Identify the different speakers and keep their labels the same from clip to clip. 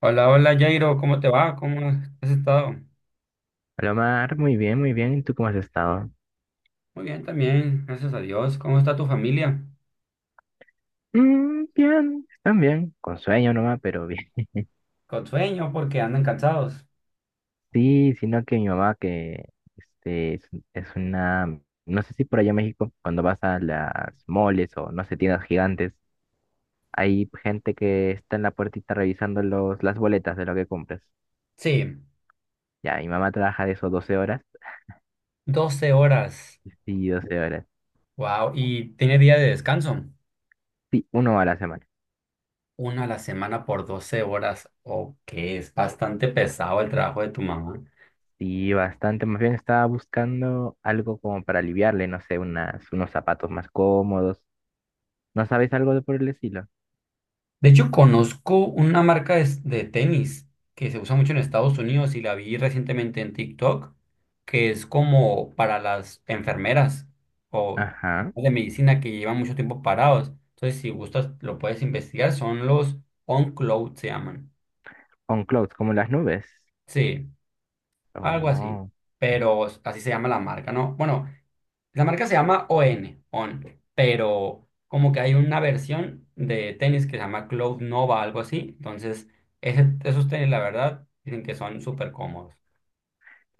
Speaker 1: Hola, hola Jairo, ¿cómo te va? ¿Cómo has estado?
Speaker 2: Hola Omar, muy bien, muy bien. ¿Y tú cómo has estado?
Speaker 1: Muy bien también, gracias a Dios. ¿Cómo está tu familia?
Speaker 2: Bien, también, con sueño nomás, pero bien.
Speaker 1: Con sueño porque andan cansados.
Speaker 2: Sí, sino que mi mamá que es una, no sé si por allá en México, cuando vas a las moles o no sé, tiendas gigantes, hay gente que está en la puertita revisando las boletas de lo que compras.
Speaker 1: Sí,
Speaker 2: Ya, mi mamá trabaja de eso 12 horas.
Speaker 1: 12 horas.
Speaker 2: Sí, 12 horas,
Speaker 1: Wow, y tiene día de descanso.
Speaker 2: sí, uno a la semana.
Speaker 1: Una a la semana por 12 horas. Ok, es bastante pesado el trabajo de tu mamá.
Speaker 2: Y bastante, más bien estaba buscando algo como para aliviarle, no sé, unos zapatos más cómodos. ¿No sabéis algo de por el estilo?
Speaker 1: De hecho, conozco una marca de tenis que se usa mucho en Estados Unidos y la vi recientemente en TikTok, que es como para las enfermeras o
Speaker 2: Ajá.
Speaker 1: de medicina que llevan mucho tiempo parados. Entonces, si gustas, lo puedes investigar. Son los On Cloud, se llaman.
Speaker 2: On clouds, como las nubes.
Speaker 1: Sí, algo así.
Speaker 2: Oh,
Speaker 1: Pero así se llama la marca, ¿no? Bueno, la marca se llama ON, ON, pero como que hay una versión de tenis que se llama Cloud Nova, algo así. Entonces, esos tenis, la verdad, dicen que son súper cómodos.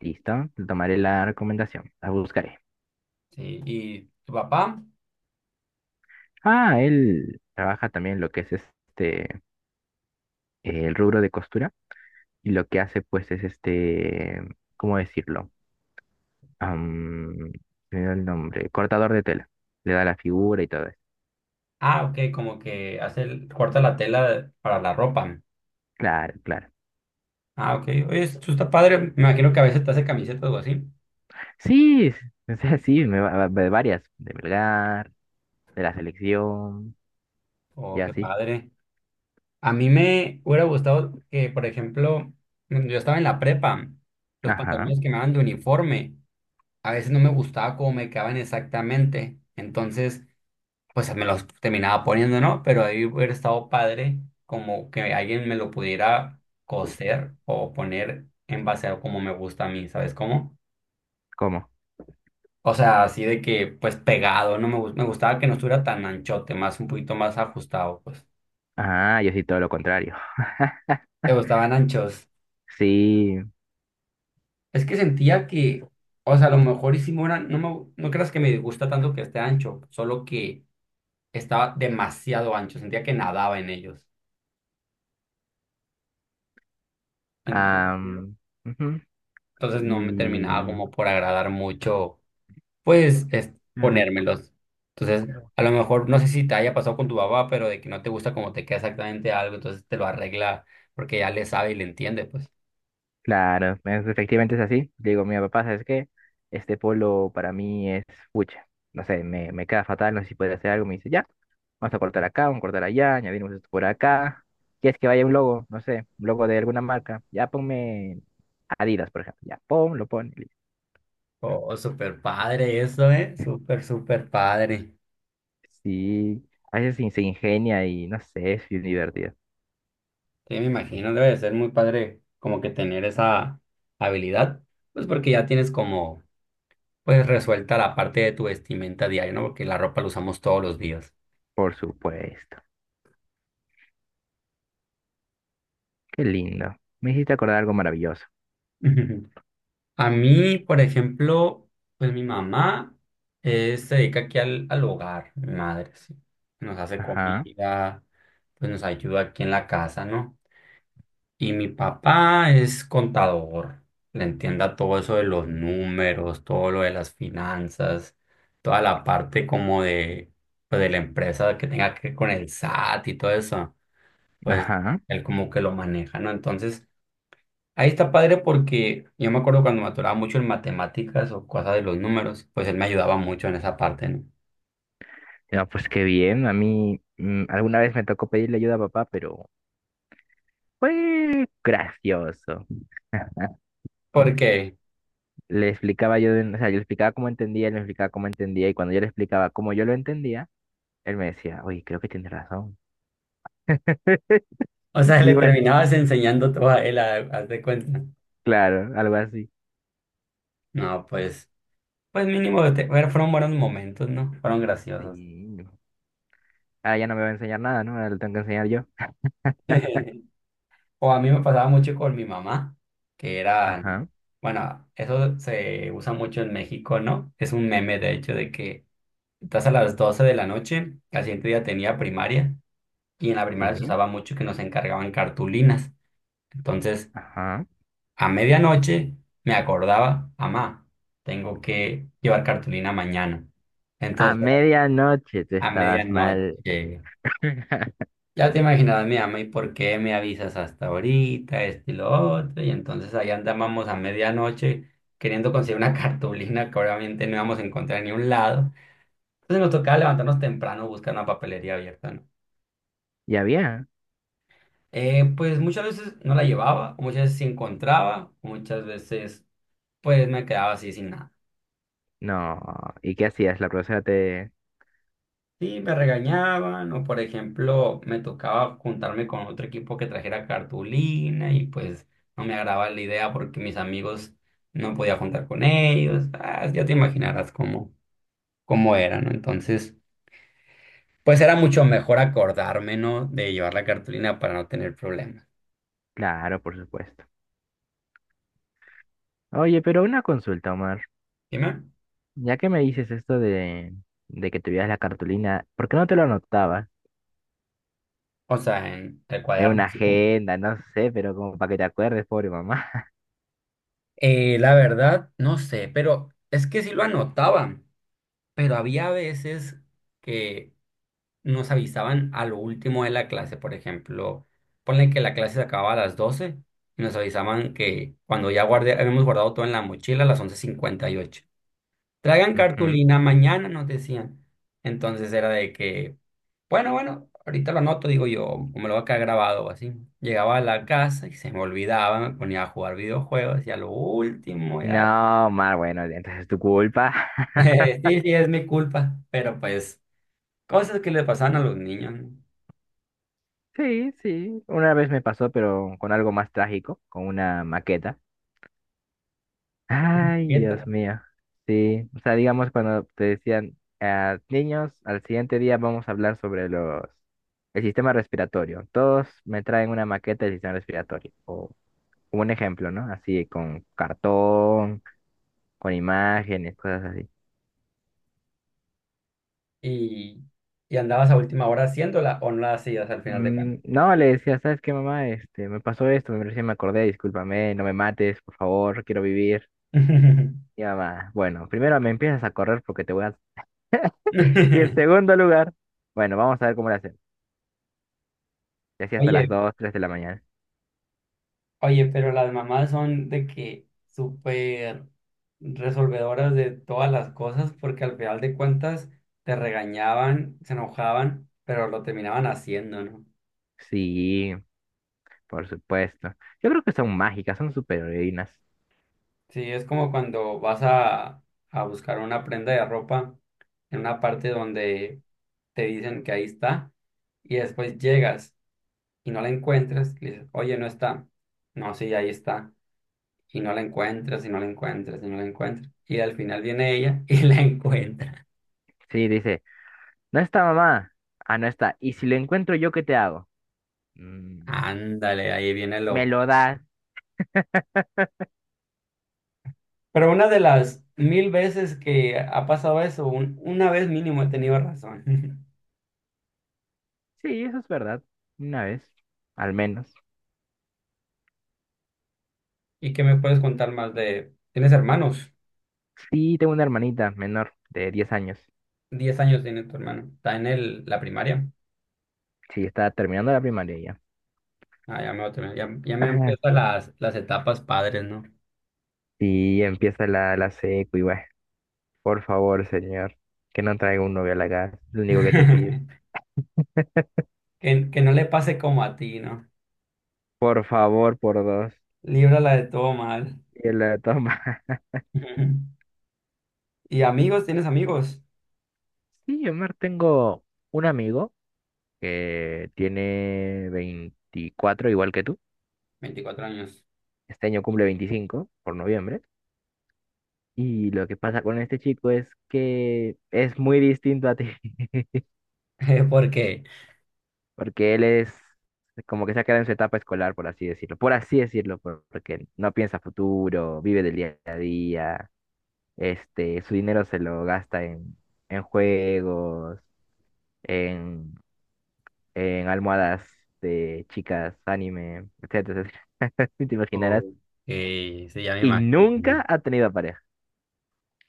Speaker 2: listo. Tomaré la recomendación. La buscaré.
Speaker 1: Sí, y tu papá,
Speaker 2: Ah, él trabaja también lo que es este, el rubro de costura. Y lo que hace, pues, es este, ¿cómo decirlo? Am, se me olvidó el nombre. Cortador de tela. Le da la figura y todo eso.
Speaker 1: ah, ok, como que hace corta la tela para la ropa.
Speaker 2: Claro, claro.
Speaker 1: Ah, ok. Oye, esto está padre. Me imagino que a veces te hace camisetas o algo así.
Speaker 2: Sí, o sea, sí, de varias. De Melgar, de la selección, y
Speaker 1: Oh, qué
Speaker 2: así.
Speaker 1: padre. A mí me hubiera gustado que, por ejemplo, cuando yo estaba en la prepa, los
Speaker 2: Ajá.
Speaker 1: pantalones que me daban de uniforme. A veces no me gustaba cómo me quedaban exactamente. Entonces, pues me los terminaba poniendo, ¿no? Pero ahí hubiera estado padre como que alguien me lo pudiera coser o poner en base a como me gusta a mí, ¿sabes cómo?
Speaker 2: ¿Cómo?
Speaker 1: O sea, así de que, pues pegado, no me, gus- me gustaba que no estuviera tan anchote, más un poquito más ajustado, pues.
Speaker 2: Ah, yo sí todo lo contrario.
Speaker 1: ¿Te gustaban anchos?
Speaker 2: Sí.
Speaker 1: Es que sentía que, o sea, a lo mejor hicimos una, no creas que me gusta tanto que esté ancho, solo que estaba demasiado ancho, sentía que nadaba en ellos. Ento-
Speaker 2: Mira, ujú.
Speaker 1: Entonces no me terminaba como por agradar mucho, pues, es
Speaker 2: Y
Speaker 1: ponérmelos. Entonces, a lo mejor, no sé si te haya pasado con tu papá, pero de que no te gusta como te queda exactamente algo, entonces te lo arregla porque ya le sabe y le entiende, pues.
Speaker 2: claro, efectivamente es así. Le digo, mira, papá, ¿sabes qué? Este polo para mí es pucha. No sé, me queda fatal, no sé si puede hacer algo. Me dice, ya, vamos a cortar acá, vamos a cortar allá, añadimos esto por acá. ¿Quieres que vaya un logo? No sé, un logo de alguna marca. Ya ponme Adidas, por ejemplo. Ya, pon, lo pone.
Speaker 1: Oh, súper padre eso, ¿eh? Súper, súper padre.
Speaker 2: Sí, a veces se ingenia y no sé, es bien divertido.
Speaker 1: Sí, me imagino, debe de ser muy padre como que tener esa habilidad, pues porque ya tienes como, pues, resuelta la parte de tu vestimenta diaria, ¿no? Porque la ropa la usamos todos los días.
Speaker 2: Por supuesto. Qué lindo. Me hiciste acordar algo maravilloso.
Speaker 1: A mí, por ejemplo, pues mi mamá se dedica aquí al hogar, mi madre, sí. Nos hace
Speaker 2: Ajá,
Speaker 1: comida, pues nos ayuda aquí en la casa, ¿no? Y mi papá es contador, le entienda todo eso de los números, todo lo de las finanzas, toda la parte como de, pues, de la empresa que tenga que ver con el SAT y todo eso, pues
Speaker 2: ajá.
Speaker 1: él como que lo maneja, ¿no? Entonces... Ahí está padre porque yo me acuerdo cuando me atoraba mucho en matemáticas o cosas de los números, pues él me ayudaba mucho en esa parte, ¿no?
Speaker 2: No, pues qué bien. A mí alguna vez me tocó pedirle ayuda a papá, pero fue gracioso.
Speaker 1: Porque,
Speaker 2: Le explicaba yo, o sea, yo le explicaba cómo entendía, él me explicaba cómo entendía, y cuando yo le explicaba cómo yo lo entendía, él me decía, oye, creo que tienes razón.
Speaker 1: o sea, le
Speaker 2: Y bueno,
Speaker 1: terminabas enseñando todo a él, haz de cuenta.
Speaker 2: claro, algo así.
Speaker 1: No, pues mínimo, bueno, fueron buenos momentos, ¿no? Fueron graciosos.
Speaker 2: Sí. Ahora ya no me va a enseñar nada, ¿no? Ahora lo tengo que enseñar yo.
Speaker 1: O a mí me pasaba mucho con mi mamá, que era,
Speaker 2: Ajá,
Speaker 1: bueno, eso se usa mucho en México, ¿no? Es un meme, de hecho, de que estás a las 12 de la noche, al siguiente día tenía primaria. Y en la primaria se
Speaker 2: sí,
Speaker 1: usaba mucho que nos encargaban cartulinas. Entonces,
Speaker 2: ajá.
Speaker 1: a medianoche me acordaba, mamá, tengo que llevar cartulina mañana.
Speaker 2: A
Speaker 1: Entonces,
Speaker 2: medianoche tú
Speaker 1: a
Speaker 2: estabas
Speaker 1: medianoche,
Speaker 2: mal.
Speaker 1: ya te imaginabas mi mamá, ¿y por qué me avisas hasta ahorita, esto y lo otro? Y entonces ahí andábamos a medianoche queriendo conseguir una cartulina que obviamente no íbamos a encontrar en ningún lado. Entonces nos tocaba levantarnos temprano, buscar una papelería abierta, ¿no?
Speaker 2: ¿Ya había?
Speaker 1: Pues muchas veces no la llevaba, o muchas veces sí encontraba, o muchas veces pues me quedaba así sin nada.
Speaker 2: No. ¿Y qué hacías? La profesora te...
Speaker 1: Sí, me regañaban o por ejemplo me tocaba juntarme con otro equipo que trajera cartulina y pues no me agradaba la idea porque mis amigos no podía juntar con ellos. Ah, ya te imaginarás cómo era, ¿no? Entonces, pues era mucho mejor acordarme, ¿no? De llevar la cartulina para no tener problemas.
Speaker 2: Claro, por supuesto. Oye, pero una consulta, Omar.
Speaker 1: Dime.
Speaker 2: Ya que me dices esto de que tuvieras la cartulina, ¿por qué no te lo anotabas?
Speaker 1: O sea, en el
Speaker 2: En
Speaker 1: cuaderno,
Speaker 2: una
Speaker 1: así como.
Speaker 2: agenda, no sé, pero como para que te acuerdes, pobre mamá.
Speaker 1: La verdad, no sé, pero es que sí lo anotaban, pero había veces que nos avisaban a lo último de la clase, por ejemplo, ponle que la clase se acababa a las 12 y nos avisaban que cuando ya guardé, habíamos guardado todo en la mochila a las 11:58. Traigan
Speaker 2: Ujú.
Speaker 1: cartulina mañana, nos decían. Entonces era de que, bueno, bueno, ahorita lo anoto, digo yo, o me lo va a quedar grabado o así. Llegaba a la casa y se me olvidaba, me ponía a jugar videojuegos y a lo último, ya
Speaker 2: No, Omar, bueno, entonces es tu culpa.
Speaker 1: sí, sí, es mi culpa, pero pues cosas que le pasaban a los niños, ¿no?
Speaker 2: Sí, sí. Una vez me pasó, pero con algo más trágico, con una maqueta. Ay, Dios
Speaker 1: Quieta.
Speaker 2: mío. Sí, o sea, digamos cuando te decían, "Ah, niños, al siguiente día vamos a hablar sobre los el sistema respiratorio. Todos me traen una maqueta del sistema respiratorio o un ejemplo, ¿no? Así con cartón, con imágenes, cosas así."
Speaker 1: Y, y andabas a última hora haciéndola o no la hacías al final de cuentas.
Speaker 2: No, le decía, ¿sabes qué, mamá? Este, me pasó esto, me recién me acordé, discúlpame, no me mates, por favor, quiero vivir. Y mamá, bueno, primero me empiezas a correr porque te voy a... Y en segundo lugar, bueno, vamos a ver cómo lo hacemos. Y así hasta las
Speaker 1: Oye,
Speaker 2: 2 3 de la mañana.
Speaker 1: oye, pero las mamás son de que súper resolvedoras de todas las cosas porque al final de cuentas te regañaban, se enojaban, pero lo terminaban haciendo, ¿no?
Speaker 2: Sí, por supuesto. Yo creo que son mágicas, son superheroínas.
Speaker 1: Sí, es como cuando vas a buscar una prenda de ropa en una parte donde te dicen que ahí está y después llegas y no la encuentras, y le dices, oye, no está. No, sí, ahí está. Y no la encuentras, y no la encuentras, y no la encuentras. Y al final viene ella y la encuentra.
Speaker 2: Sí, dice, no está mamá. Ah, no está. ¿Y si lo encuentro yo, qué te hago? "Mm,
Speaker 1: Ándale, ahí viene lo.
Speaker 2: Me lo das.
Speaker 1: Pero una de las mil veces que ha pasado eso, una vez mínimo he tenido razón.
Speaker 2: Sí, eso es verdad. Una vez, al menos.
Speaker 1: ¿Y qué me puedes contar más de? ¿Tienes hermanos?
Speaker 2: Sí, tengo una hermanita menor de 10 años.
Speaker 1: 10 años tiene tu hermano. Está en el, la primaria.
Speaker 2: Sí, está terminando la primaria ya.
Speaker 1: Ah, ya me voy a terminar. Ya, ya me
Speaker 2: Ajá.
Speaker 1: empiezan las etapas padres, ¿no?
Speaker 2: Sí, empieza la secu y bueno, por favor, señor, que no traiga un novio a la casa. Es lo único que te pido.
Speaker 1: Que no le pase como a ti, ¿no?
Speaker 2: Por favor, por dos.
Speaker 1: Líbrala de todo mal.
Speaker 2: Y él la toma.
Speaker 1: ¿Y amigos? ¿Tienes amigos?
Speaker 2: Sí, Omar, tengo un amigo que tiene 24 igual que tú.
Speaker 1: 24 años.
Speaker 2: Este año cumple 25 por noviembre. Y lo que pasa con este chico es que es muy distinto a ti,
Speaker 1: ¿Por qué?
Speaker 2: porque él es como que se ha quedado en su etapa escolar, por así decirlo. Por así decirlo, porque no piensa futuro, vive del día a día. Este, su dinero se lo gasta en, juegos, en, almohadas de chicas, anime, etcétera. Si te
Speaker 1: Oh,
Speaker 2: imaginarás.
Speaker 1: sí, ya me
Speaker 2: Y
Speaker 1: imagino.
Speaker 2: nunca ha tenido pareja.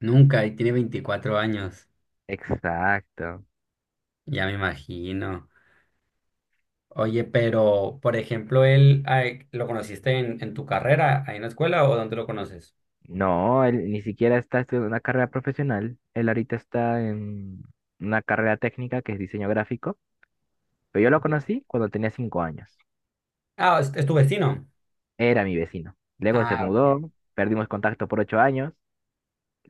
Speaker 1: Nunca, y tiene 24 años.
Speaker 2: Exacto.
Speaker 1: Ya me imagino. Oye, pero, por ejemplo, él, ay, ¿lo conociste en tu carrera, ahí en la escuela, o dónde lo conoces?
Speaker 2: No, él ni siquiera está estudiando una carrera profesional. Él ahorita está en una carrera técnica que es diseño gráfico. Pero yo lo conocí cuando tenía 5 años.
Speaker 1: Ah, es tu vecino.
Speaker 2: Era mi vecino. Luego se
Speaker 1: Ah,
Speaker 2: mudó, perdimos contacto por 8 años.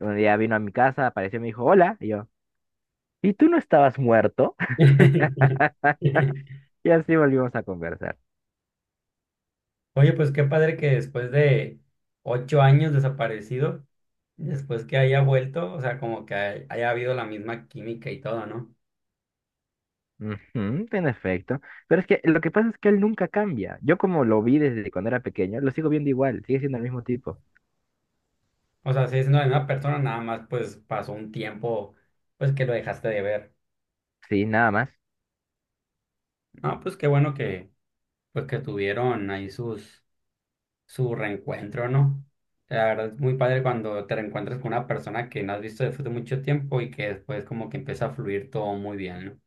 Speaker 2: Un día vino a mi casa, apareció y me dijo, hola. Y yo, ¿y tú no estabas muerto?
Speaker 1: ok.
Speaker 2: Y así volvimos a conversar.
Speaker 1: Oye, pues qué padre que después de 8 años desaparecido, después que haya vuelto, o sea, como que haya habido la misma química y todo, ¿no?
Speaker 2: Ujú, en efecto. Pero es que lo que pasa es que él nunca cambia. Yo como lo vi desde cuando era pequeño, lo sigo viendo igual, sigue siendo el mismo tipo.
Speaker 1: O sea, sigue siendo la misma persona, nada más pues pasó un tiempo, pues que lo dejaste de ver.
Speaker 2: Sí, nada más.
Speaker 1: No, pues qué bueno que, pues que tuvieron ahí sus, su reencuentro, ¿no? La verdad es muy padre cuando te reencuentras con una persona que no has visto después de mucho tiempo y que después como que empieza a fluir todo muy bien, ¿no?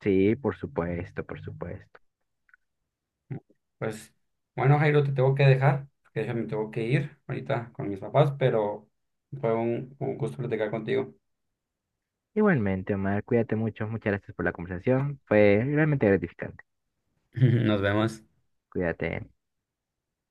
Speaker 2: Sí, por supuesto, por supuesto.
Speaker 1: Pues bueno, Jairo, te tengo que dejar, porque yo me tengo que ir ahorita con mis papás, pero fue un gusto platicar contigo.
Speaker 2: Igualmente, Omar, cuídate mucho. Muchas gracias por la conversación. Fue realmente gratificante.
Speaker 1: Nos vemos.
Speaker 2: Cuídate.